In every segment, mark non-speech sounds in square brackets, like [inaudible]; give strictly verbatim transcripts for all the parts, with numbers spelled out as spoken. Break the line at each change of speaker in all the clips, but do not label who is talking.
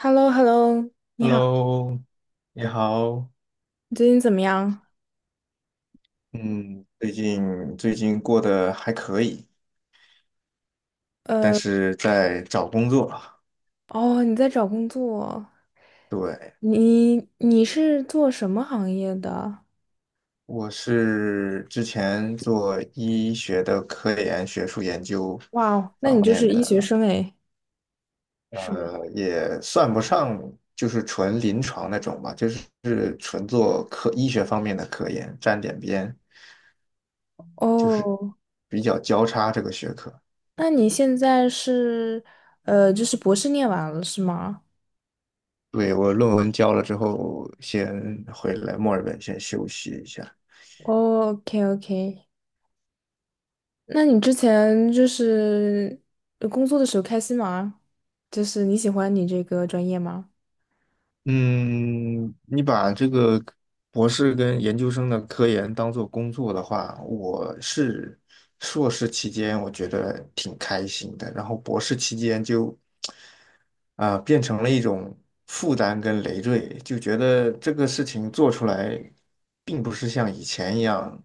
h e l l o h e l l o 你好，
Hello，你好。
你最近怎么样？
嗯，最近最近过得还可以，但是在找工作啊。
哦，你在找工作，
对，
你你是做什么行业的？
我是之前做医学的科研、学术研究
哇哦，那你
方
就是
面
医学
的，
生诶，是吗？
呃，也算不上就是纯临床那种吧，就是是纯做科医学方面的科研，沾点边，
[laughs] 哦，
就是比较交叉这个学科。
那你现在是呃，就是博士念完了是吗？
对，我论文交了之后，先回来墨尔本先休息一下。
哦，OK OK，那你之前就是呃工作的时候开心吗？就是你喜欢你这个专业吗？
嗯，你把这个博士跟研究生的科研当做工作的话，我是硕士期间我觉得挺开心的，然后博士期间就啊、呃变成了一种负担跟累赘，就觉得这个事情做出来并不是像以前一样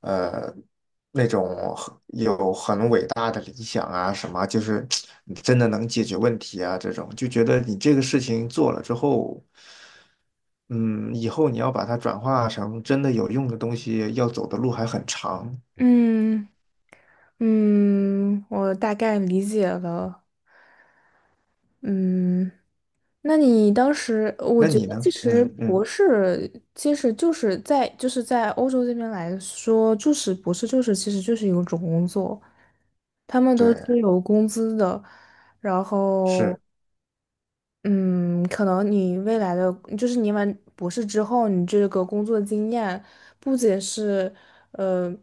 呃那种很有很伟大的理想啊，什么就是你真的能解决问题啊，这种就觉得你这个事情做了之后，嗯，以后你要把它转化成真的有用的东西，要走的路还很长。
嗯嗯，我大概理解了。嗯，那你当时，我
那
觉得
你呢？
其实
嗯
博
嗯，
士其实就是在就是在欧洲这边来说，就是博士就是其实就是有一个种工作，他们都是
对，
有工资的，然后
是。
嗯，可能你未来的就是你完博士之后，你这个工作经验不仅是。呃。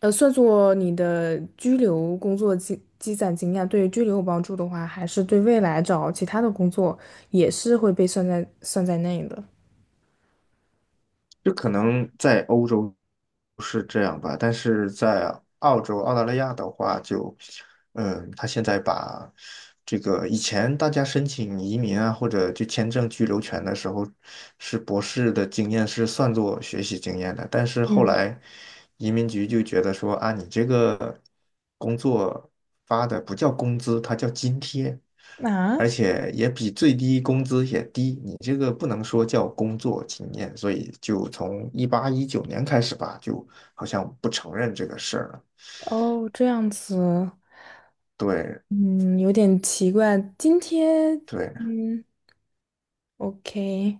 呃，算作你的居留工作积积攒经验，对于居留有帮助的话，还是对未来找其他的工作也是会被算在算在内的。
就可能在欧洲是这样吧，但是在澳洲、澳大利亚的话，就，嗯，他现在把这个以前大家申请移民啊，或者就签证居留权的时候，是博士的经验是算作学习经验的，但是后
嗯。
来移民局就觉得说啊，你这个工作发的不叫工资，它叫津贴。
啊。
而且也比最低工资也低，你这个不能说叫工作经验，所以就从一八一九年开始吧，就好像不承认这个事儿了。
哦，这样子。
对
嗯，有点奇怪。今天，
对，
嗯，OK，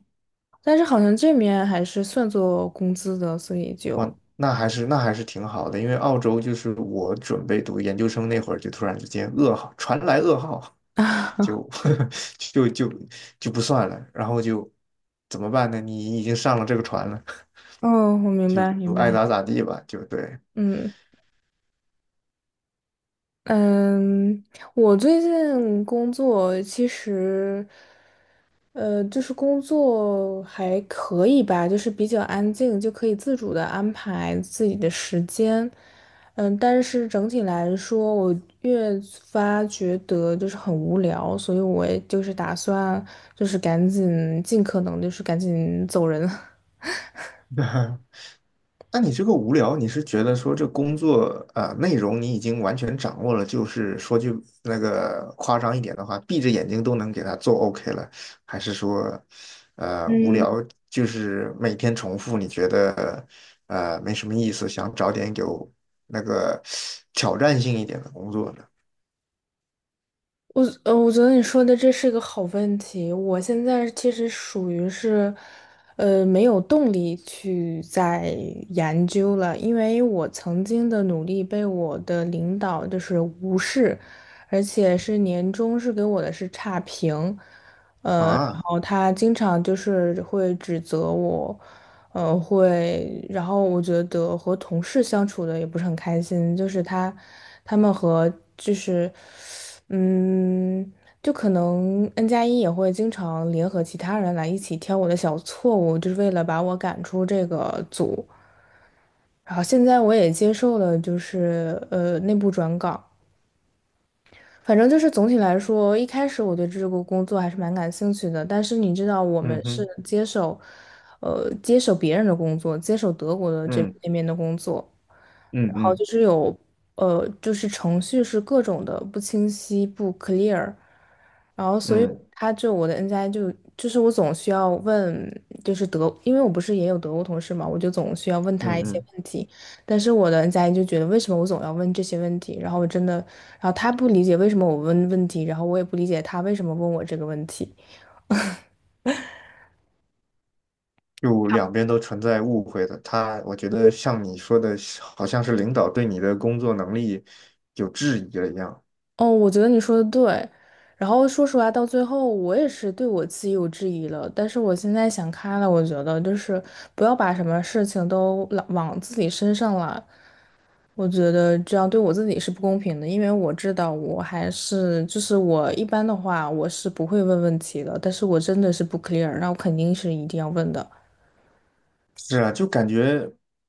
但是好像这面还是算作工资的，所以就，
哇，那还是那还是挺好的，因为澳洲就是我准备读研究生那会儿，就突然之间噩耗传来噩耗，
[laughs] 啊，
就 [laughs] 就就就不算了，然后就怎么办呢？你已经上了这个船了，
哦，我
[laughs]
明
就
白，明
就爱
白。
咋咋地吧，就对。
嗯嗯，我最近工作其实。呃，就是工作还可以吧，就是比较安静，就可以自主的安排自己的时间。嗯，但是整体来说，我越发觉得就是很无聊，所以我也就是打算就是赶紧尽可能就是赶紧走人。[laughs]
[laughs] 那你这个无聊，你是觉得说这工作呃内容你已经完全掌握了，就是说句那个夸张一点的话，闭着眼睛都能给它做 OK 了，还是说呃无聊，就是每天重复，你觉得呃没什么意思，想找点有那个挑战性一点的工作呢？
我呃，我觉得你说的这是个好问题。我现在其实属于是，呃，没有动力去再研究了，因为我曾经的努力被我的领导就是无视，而且是年终是给我的是差评。然
啊，
后他经常就是会指责我，呃，会，然后我觉得和同事相处的也不是很开心，就是他，他们和就是，嗯，就可能 N 加一也会经常联合其他人来一起挑我的小错误，就是为了把我赶出这个组。然后现在我也接受了，就是呃内部转岗。反正就是总体来说，一开始我对这个工作还是蛮感兴趣的，但是你知道，我们
嗯
是
哼，
接手，呃，接手别人的工作，接手德国的这
嗯
那边的工作，
嗯
然后
嗯
就是有，呃，就是程序是各种的不清晰、不 clear，然后所以
嗯
他就我的 N 加 i 就就是我总需要问，就是德，因为我不是也有德国同事嘛，我就总需要问
嗯
他
嗯
一些
嗯。
问题。但是我的 n 加 i 就觉得为什么我总要问这些问题，然后我真的，然后他不理解为什么我问问题，然后我也不理解他为什么问我这个问题。
就两边都存在误会的。他，我觉得像你说的，好像是领导对你的工作能力有质疑了一样。
哦，我觉得你说的对。然后说实话，到最后我也是对我自己有质疑了。但是我现在想开了，我觉得就是不要把什么事情都往往自己身上揽。我觉得这样对我自己是不公平的，因为我知道我还是就是我一般的话我是不会问问题的，但是我真的是不 clear，那我肯定是一定要问的。
是啊，就感觉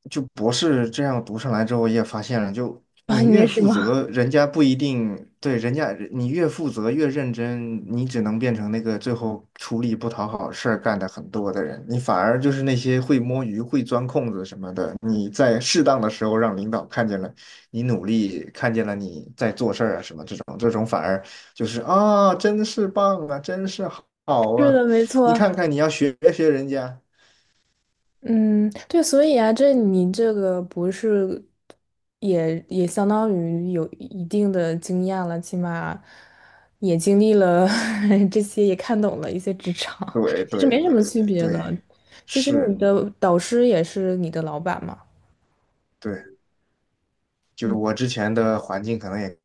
就博士这样读上来之后，我也发现了，就
[laughs] 啊，
你
你
越
也是
负
吗？
责，人家不一定对人家，你越负责越认真，你只能变成那个最后出力不讨好事儿干的很多的人，你反而就是那些会摸鱼、会钻空子什么的，你在适当的时候让领导看见了你努力，看见了你在做事儿啊什么这种，这种反而就是啊，真是棒啊，真是好
[laughs] 是
啊，
的，没
你
错。
看看你要学学人家。
嗯，对，所以啊，这你这个不是也也相当于有一定的经验了，起码也经历了 [laughs] 这些，也看懂了一些职场，
对
[laughs] 其实
对
没什么
对
区别
对，
的。其实你
是，
的导师也是你的老板嘛。
对，就
嗯
我之前的环境可能也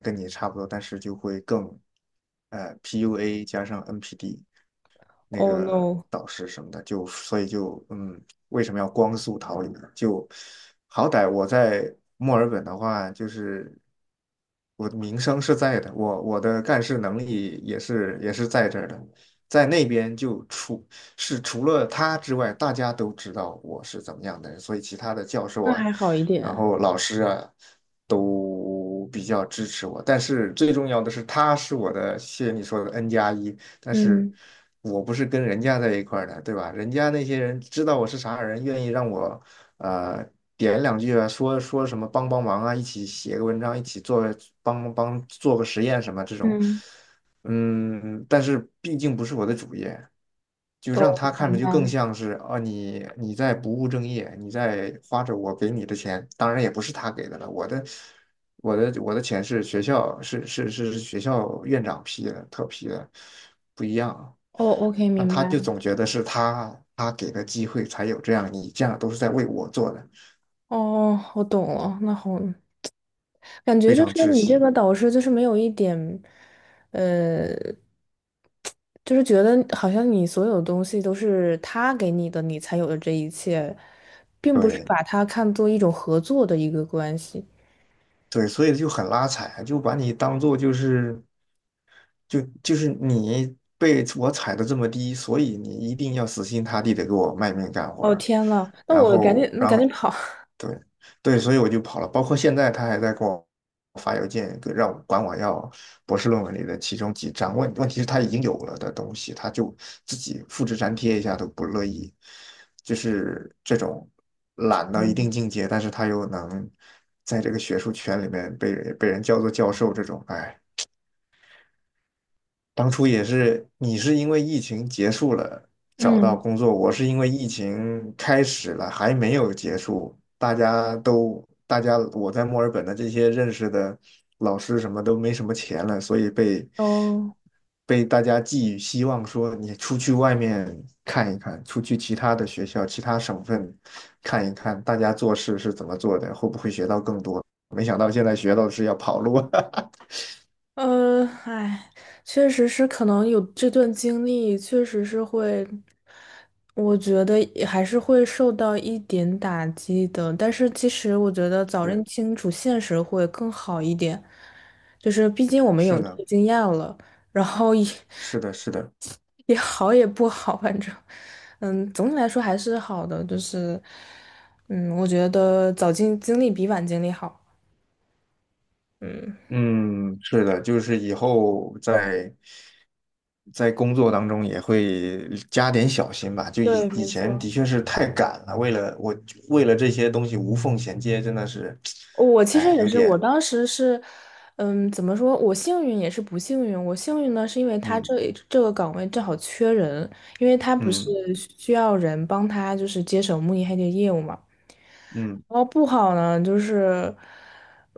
跟你差不多，但是就会更呃 P U A 加上 N P D，那
，Oh
个
no，
导师什么的，就所以就嗯，为什么要光速逃离呢？就好歹我在墨尔本的话，就是我的名声是在的，我我的干事能力也是也是在这儿的，在那边就除是除了他之外，大家都知道我是怎么样的人，所以其他的教授
那
啊，
还好一
然
点。
后老师啊。都比较支持我，但是最重要的是，他是我的，谢谢你说的 N 加一，但是
嗯
我不是跟人家在一块儿的，对吧？人家那些人知道我是啥人，愿意让我呃点两句啊，说说什么帮帮忙啊，一起写个文章，一起做帮帮做个实验什么这种，
嗯，
嗯，但是毕竟不是我的主业，就让
哦，
他看
明
着就
白
更
了。
像是啊，你你在不务正业，你在花着我给你的钱，当然也不是他给的了，我的我的我的钱是学校是是是是学校院长批的，特批的，不一样。
哦，OK，
那
明
他
白
就
了。
总觉得是他他给的机会才有这样，你这样都是在为我做的，
哦，我懂了，那好，感觉
非
就
常
是
窒
你这
息。
个导师就是没有一点，呃，就是觉得好像你所有东西都是他给你的，你才有的这一切，并不是
对
把它看作一种合作的一个关系。
对，所以就很拉踩啊，就把你当做就是。就就是你被我踩的这么低，所以你一定要死心塌地的给我卖命干活
哦
儿，
天呐，那
然
我赶紧，
后，
那
然
赶紧
后，
跑。
对，对，所以我就跑了。包括现在他还在给我发邮件，给让我管我要博士论文里的其中几章。问问题是他已经有了的东西，他就自己复制粘贴一下都不乐意，就是这种懒到一定
嗯。
境界，但是他又能在这个学术圈里面被被人叫做教授，这种，哎。当初也是，你是因为疫情结束了找到
嗯。
工作，我是因为疫情开始了还没有结束。大家都，大家我在墨尔本的这些认识的老师什么都没什么钱了，所以被
哦。
被大家寄予希望，说你出去外面看一看，出去其他的学校、其他省份看一看，大家做事是怎么做的，会不会学到更多？没想到现在学到的是要跑路。[laughs]
呃，哎，确实是，可能有这段经历，确实是会，我觉得也还是会受到一点打击的。但是其实我觉得早认
对，
清楚现实会更好一点，就是毕竟我们有
是
这
的，
个经验了，然后也
是的，是的。
[laughs] 也好也不好，反正，嗯，总体来说还是好的，就是，嗯，我觉得早经经历比晚经历好。嗯。
嗯，是的，就是以后在在工作当中也会加点小心吧。就以
对，
以
没
前的
错。
确是太赶了，为了我为了这些东西无缝衔接，真的是，
我其实
哎，
也
有
是，我
点，
当时是，嗯，怎么说？我幸运也是不幸运。我幸运呢，是因为他
嗯
这这个岗位正好缺人，因为他不是
嗯
需要人帮他就是接手慕尼黑的业务嘛。
嗯
然后不好呢，就是，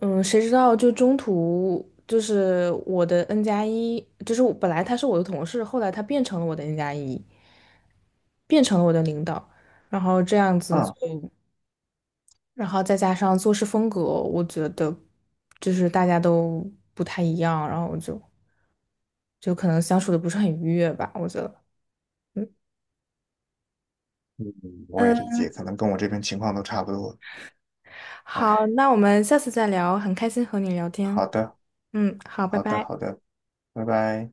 嗯，谁知道就中途就是我的 N 加一，就是我本来他是我的同事，后来他变成了我的 N 加一，变成了我的领导，然后这样子就。
啊，
然后再加上做事风格，我觉得就是大家都不太一样，然后我就就可能相处的不是很愉悦吧，我觉得。嗯
嗯，我也理
嗯，
解，可能跟我这边情况都差不多。
好，
哎，
那我们下次再聊，很开心和你聊天。
好的，
嗯，好，拜
好的，
拜。
好的，拜拜。